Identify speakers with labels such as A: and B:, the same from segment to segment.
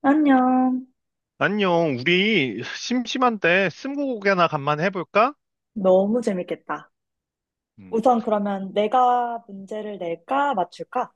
A: 안녕.
B: 안녕, 우리 심심한데 스무고개나 간만에 해볼까?
A: 너무 재밌겠다.
B: 음,
A: 우선 그러면 내가 문제를 낼까, 맞출까?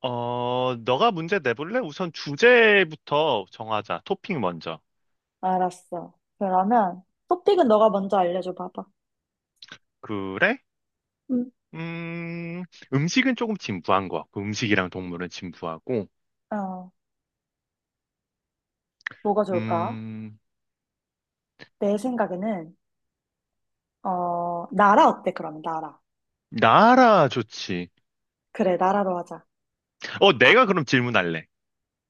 B: 너가 문제 내볼래? 우선 주제부터 정하자. 토핑 먼저.
A: 알았어. 그러면 토픽은 너가 먼저 알려줘 봐봐.
B: 그래?
A: 음,
B: 음, 음식은 조금 진부한 것 같고, 음식이랑 동물은 진부하고,
A: 어, 뭐가 좋을까?
B: 음,
A: 내 생각에는, 나라 어때, 그러면, 나라.
B: 나라 좋지.
A: 그래, 나라로 하자.
B: 내가 그럼 질문할래.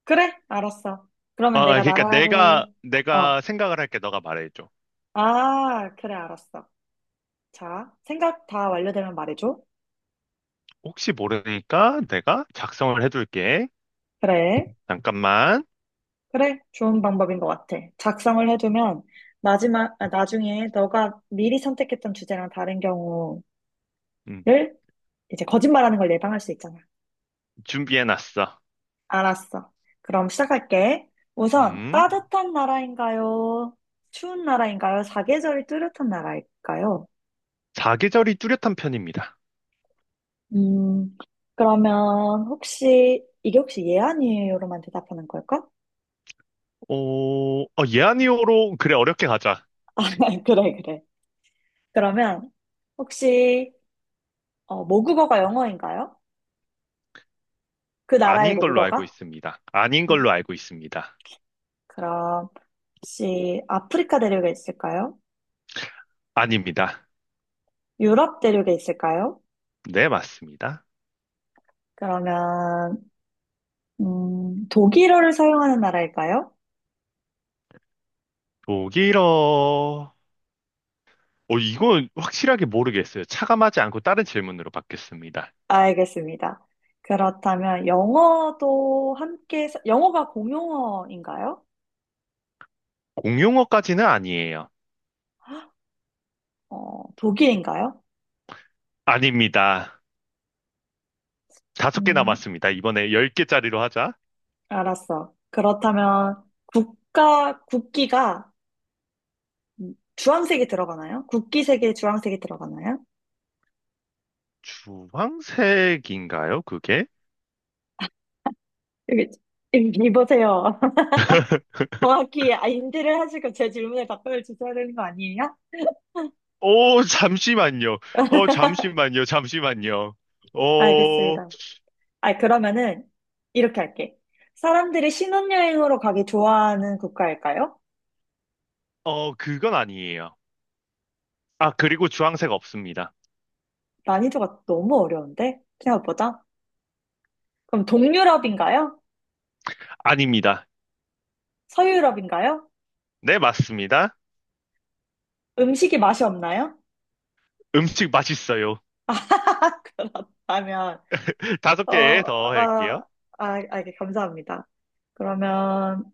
A: 그래, 알았어. 그러면
B: 아,
A: 내가
B: 그러니까 내가,
A: 나라를,
B: 내가
A: 어,
B: 생각을 할게. 너가 말해줘.
A: 아, 그래, 알았어. 자, 생각 다 완료되면 말해줘.
B: 혹시 모르니까 내가 작성을 해둘게.
A: 그래.
B: 잠깐만.
A: 그래, 좋은 방법인 것 같아. 작성을 해두면 마지막, 아, 나중에 너가 미리 선택했던 주제랑 다른 경우를
B: 음,
A: 이제 거짓말하는 걸 예방할 수 있잖아.
B: 준비해놨어.
A: 알았어. 그럼 시작할게. 우선
B: 음.
A: 따뜻한 나라인가요? 추운 나라인가요? 사계절이 뚜렷한 나라일까요?
B: 사계절이 뚜렷한 편입니다.
A: 음, 그러면 혹시 이게 혹시 예 아니에요로만 대답하는 걸까?
B: 어, 예 아니오로 그래 어렵게 가자.
A: 아, 그래, 그래. 그러면 혹시 모국어가 영어인가요? 그 나라의
B: 아닌 걸로 알고
A: 모국어가?
B: 있습니다. 아닌
A: 음.
B: 걸로 알고 있습니다.
A: 그럼 혹시 아프리카 대륙에 있을까요?
B: 아닙니다.
A: 유럽 대륙에 있을까요?
B: 네, 맞습니다.
A: 그러면 독일어를 사용하는 나라일까요?
B: 독일어. 이건 확실하게 모르겠어요. 차감하지 않고 다른 질문으로 받겠습니다.
A: 알겠습니다. 그렇다면 영어도 함께 영어가 공용어인가요?
B: 공용어까지는 아니에요.
A: 독일인가요?
B: 아닙니다. 5개
A: 음,
B: 남았습니다. 이번에 열 개짜리로 하자.
A: 알았어. 그렇다면 국가 국기가 주황색이 들어가나요? 국기 색에 주황색이 들어가나요?
B: 주황색인가요, 그게?
A: 여기 여기 보세요. 정확히 인지를 하시고 제 질문에 답변을 주셔야 되는 거 아니에요?
B: 오, 잠시만요. 잠시만요. 잠시만요. 어,
A: 알겠습니다. 아, 그러면은 이렇게 할게. 사람들이 신혼여행으로 가기 좋아하는 국가일까요?
B: 그건 아니에요. 아, 그리고 주황색 없습니다.
A: 난이도가 너무 어려운데? 생각보다. 그럼 동유럽인가요?
B: 아닙니다.
A: 서유럽인가요?
B: 네, 맞습니다.
A: 음식이 맛이 없나요?
B: 음식 맛있어요.
A: 아, 그렇다면,
B: 다섯
A: 어,
B: 개 더 할게요.
A: 아, 예, 감사합니다. 그러면,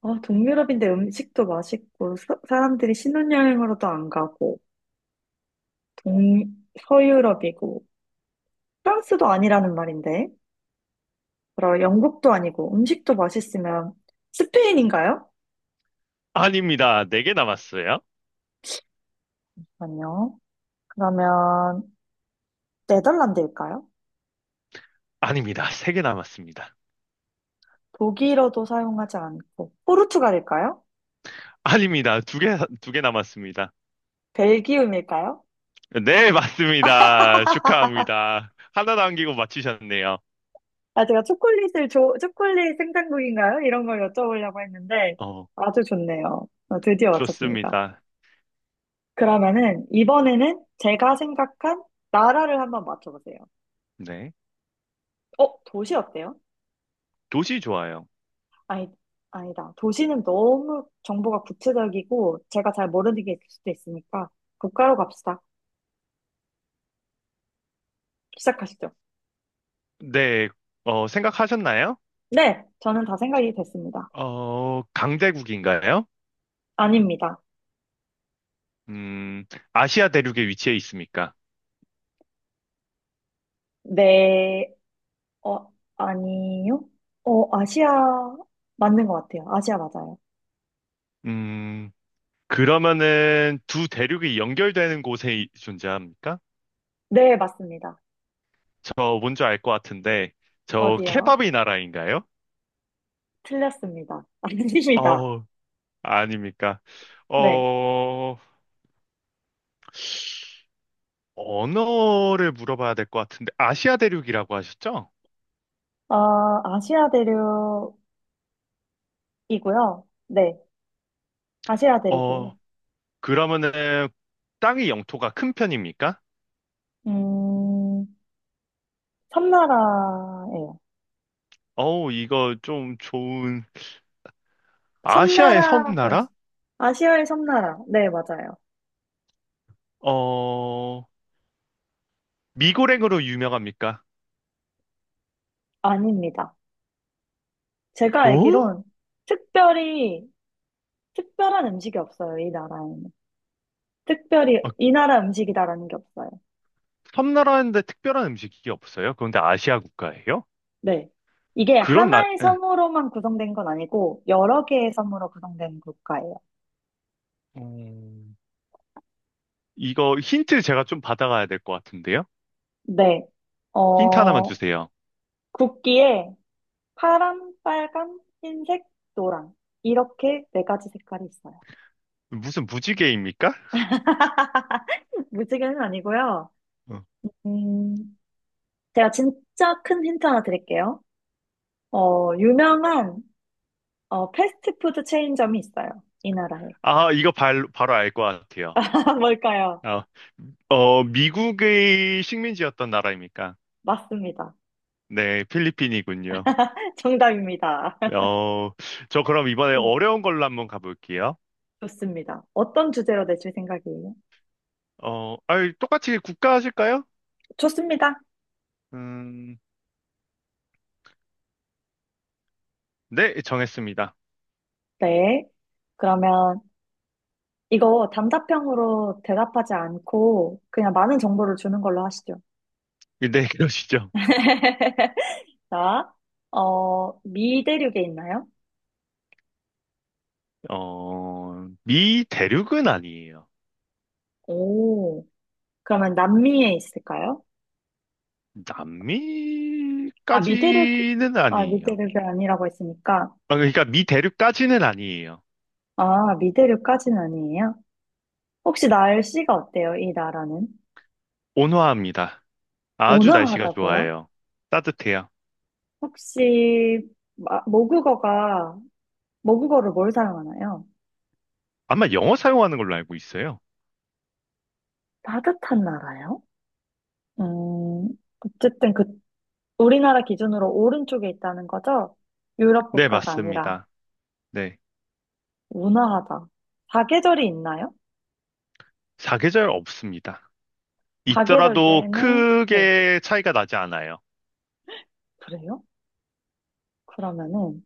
A: 동유럽인데 음식도 맛있고, 사람들이 신혼여행으로도 안 가고, 서유럽이고 프랑스도 아니라는 말인데 그럼 영국도 아니고 음식도 맛있으면 스페인인가요?
B: 아닙니다. 4개 남았어요.
A: 아니요. 그러면 네덜란드일까요?
B: 아닙니다. 3개 남았습니다.
A: 독일어도 사용하지 않고 포르투갈일까요?
B: 아닙니다. 두 개 남았습니다.
A: 벨기움일까요?
B: 네, 맞습니다. 축하합니다. 하나 남기고 맞히셨네요.
A: 아, 제가 초콜릿 생산국인가요? 이런 걸 여쭤보려고 했는데
B: 어,
A: 아주 좋네요. 드디어 맞췄습니다.
B: 좋습니다.
A: 그러면은 이번에는 제가 생각한 나라를 한번 맞춰보세요.
B: 네.
A: 도시 어때요?
B: 도시 좋아요.
A: 아니, 아니다. 도시는 너무 정보가 구체적이고 제가 잘 모르는 게 있을 수도 있으니까 국가로 갑시다. 시작하시죠.
B: 네, 생각하셨나요?
A: 네, 저는 다 생각이 됐습니다.
B: 강대국인가요?
A: 아닙니다.
B: 음, 아시아 대륙에 위치해 있습니까?
A: 네, 아니요? 아시아 맞는 것 같아요. 아시아 맞아요.
B: 음, 그러면은 두 대륙이 연결되는 곳에 존재합니까?
A: 네, 맞습니다.
B: 저 뭔지 알 것 같은데, 저
A: 어디요?
B: 케밥이 나라인가요?
A: 틀렸습니다. 아닙니다.
B: 어, 아닙니까?
A: 네.
B: 어, 언어를 물어봐야 될 것 같은데, 아시아 대륙이라고 하셨죠?
A: 아, 아시아 대륙이고요. 네, 아시아 대륙이에요.
B: 어, 그러면은 땅의 영토가 큰 편입니까?
A: 음, 섬나라예요.
B: 어우, 이거 좀 좋은, 아시아의
A: 섬나라 거였어요.
B: 섬나라?
A: 아시아의 섬나라. 네, 맞아요.
B: 어, 미고랭으로 유명합니까?
A: 아닙니다. 제가
B: 어?
A: 알기론 특별히, 특별한 음식이 없어요, 이 나라에는. 특별히 이 나라 음식이다라는 게 없어요.
B: 섬나라인데 특별한 음식이 없어요? 그런데 아시아 국가예요?
A: 네. 이게
B: 그런 나,
A: 하나의
B: 에,
A: 섬으로만 구성된 건 아니고, 여러 개의 섬으로 구성된 국가예요.
B: 음, 이거 힌트 제가 좀 받아가야 될 것 같은데요?
A: 네.
B: 힌트 하나만
A: 어,
B: 주세요.
A: 국기에 파란, 빨간, 흰색, 노랑. 이렇게 네 가지 색깔이 있어요.
B: 무슨 무지개입니까?
A: 무지개는 아니고요.
B: 어.
A: 음, 제가 진짜 큰 힌트 하나 드릴게요. 유명한 패스트푸드 체인점이 있어요. 이 나라에.
B: 아, 이거 바로 알 것 같아요.
A: 뭘까요?
B: 아, 미국의 식민지였던 나라입니까?
A: 맞습니다.
B: 네, 필리핀이군요.
A: 정답입니다.
B: 어, 저 그럼 이번에
A: 음,
B: 어려운 걸로 한번 가볼게요.
A: 좋습니다. 어떤 주제로 내실 생각이에요?
B: 똑같이 국가 하실까요?
A: 좋습니다.
B: 음, 네, 정했습니다.
A: 네. 그러면 이거 단답형으로 대답하지 않고 그냥 많은 정보를 주는 걸로 하시죠.
B: 네, 그러시죠.
A: 자, 미 대륙에 있나요?
B: 미 대륙은 아니에요.
A: 오, 그러면 남미에 있을까요? 아, 미대륙이,
B: 남미까지는
A: 아,
B: 아니에요.
A: 미대륙이 아니라고 했으니까,
B: 아, 그러니까 미 대륙까지는 아니에요.
A: 아, 미대륙까지는 아니에요? 혹시 날씨가 어때요, 이 나라는?
B: 온화합니다. 아주 날씨가
A: 온화하다고요?
B: 좋아요. 따뜻해요.
A: 혹시, 마- 모국어가, 모국어를 뭘 사용하나요?
B: 아마 영어 사용하는 걸로 알고 있어요.
A: 따뜻한 나라요? 음, 어쨌든 우리나라 기준으로 오른쪽에 있다는 거죠? 유럽
B: 네,
A: 국가가 아니라,
B: 맞습니다. 네.
A: 온화하다. 사계절이 있나요?
B: 사계절 없습니다.
A: 사계절
B: 있더라도
A: 내내, 네,
B: 크게 차이가 나지 않아요.
A: 그래요? 그러면은,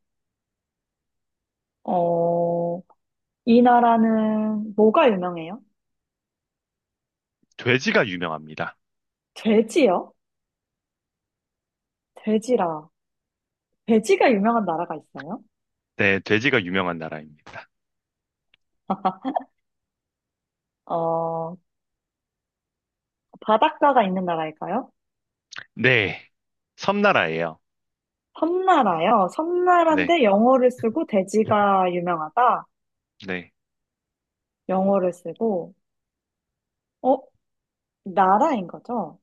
A: 어, 이 나라는 뭐가 유명해요?
B: 돼지가 유명합니다.
A: 돼지요? 돼지라. 돼지가 유명한 나라가 있어요?
B: 네, 돼지가 유명한 나라입니다.
A: 어, 바닷가가 있는 나라일까요?
B: 네. 섬나라예요.
A: 섬나라요.
B: 네.
A: 섬나라인데 영어를 쓰고 돼지가 유명하다.
B: 네.
A: 영어를 쓰고, 어, 나라인 거죠?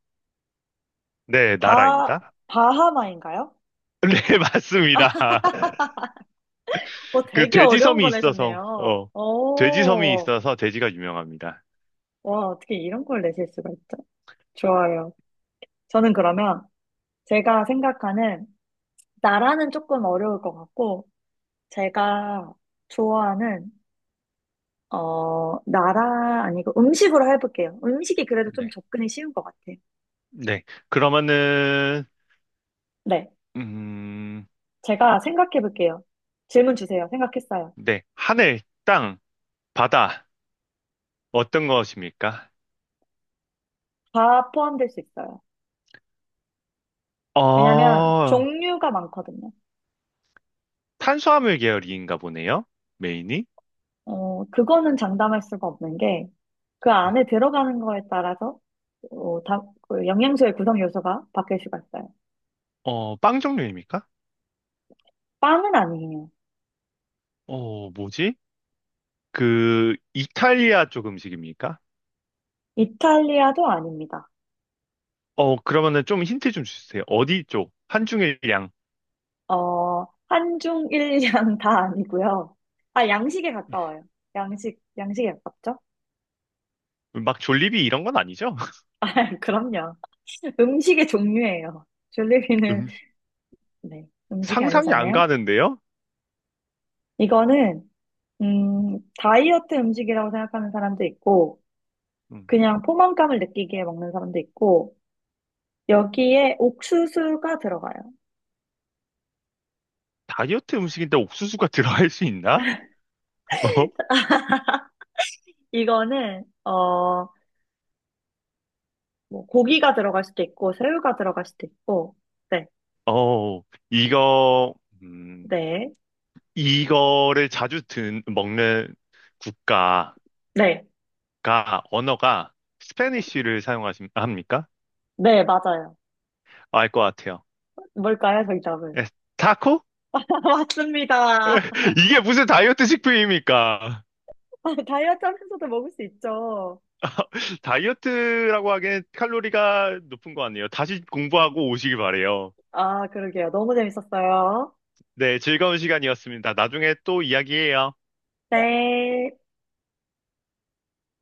B: 네,
A: 바,
B: 나라입니다.
A: 바하마인가요?
B: 네, 맞습니다. 그
A: 되게 어려운
B: 돼지섬이
A: 거
B: 있어서,
A: 내셨네요.
B: 어, 돼지섬이
A: 오,
B: 있어서 돼지가 유명합니다.
A: 와, 어떻게 이런 걸 내실 수가 있죠? 좋아요. 저는 그러면 제가 생각하는 나라는 조금 어려울 것 같고, 제가 좋아하는, 나라 아니고 음식으로 해볼게요. 음식이 그래도 좀
B: 네,
A: 접근이 쉬운 것 같아요.
B: 네. 그러면은,
A: 네.
B: 음,
A: 제가 생각해볼게요. 질문 주세요. 생각했어요.
B: 네. 하늘, 땅, 바다, 어떤 것입니까?
A: 다 포함될 수 있어요. 왜냐면
B: 어,
A: 종류가 많거든요.
B: 탄수화물 계열인가 보네요. 메인이.
A: 그거는 장담할 수가 없는 게 그
B: 네.
A: 안에 들어가는 거에 따라서 어, 다, 그 영양소의 구성 요소가 바뀔 수가 있어요.
B: 빵 종류입니까?
A: 빵은 아니에요.
B: 뭐지? 그, 이탈리아 쪽 음식입니까?
A: 이탈리아도 아닙니다.
B: 그러면은 좀 힌트 좀 주세요. 어디 쪽? 한중일 양.
A: 한중일양 다 아니고요. 아, 양식에 가까워요. 양식에 가깝죠?
B: 막 졸리비 이런 건 아니죠?
A: 아, 그럼요. 음식의 종류예요. 줄리비는, 네, 음식이
B: 상상이 안
A: 아니잖아요?
B: 가는데요?
A: 이거는, 다이어트 음식이라고 생각하는 사람도 있고,
B: 음,
A: 그냥 포만감을 느끼기에 먹는 사람도 있고, 여기에 옥수수가 들어가요.
B: 다이어트 음식인데 옥수수가 들어갈 수 있나? 어,
A: 이거는, 뭐, 고기가 들어갈 수도 있고, 새우가 들어갈 수도 있고, 네,
B: 어, 이거, 음,
A: 네,
B: 이거를 자주 먹는
A: 네,
B: 국가가, 언어가 스페니쉬를 사용하십니까?
A: 네, 맞아요.
B: 알 것 같아요.
A: 뭘까요, 정답은?
B: 에, 타코?
A: 맞습니다.
B: 이게 무슨 다이어트 식품입니까?
A: 다이어트 하면서도 먹을 수 있죠.
B: 다이어트라고 하기엔 칼로리가 높은 거 아니에요. 다시 공부하고 오시길 바래요.
A: 아, 그러게요. 너무 재밌었어요.
B: 네, 즐거운 시간이었습니다. 나중에 또 이야기해요.
A: 네.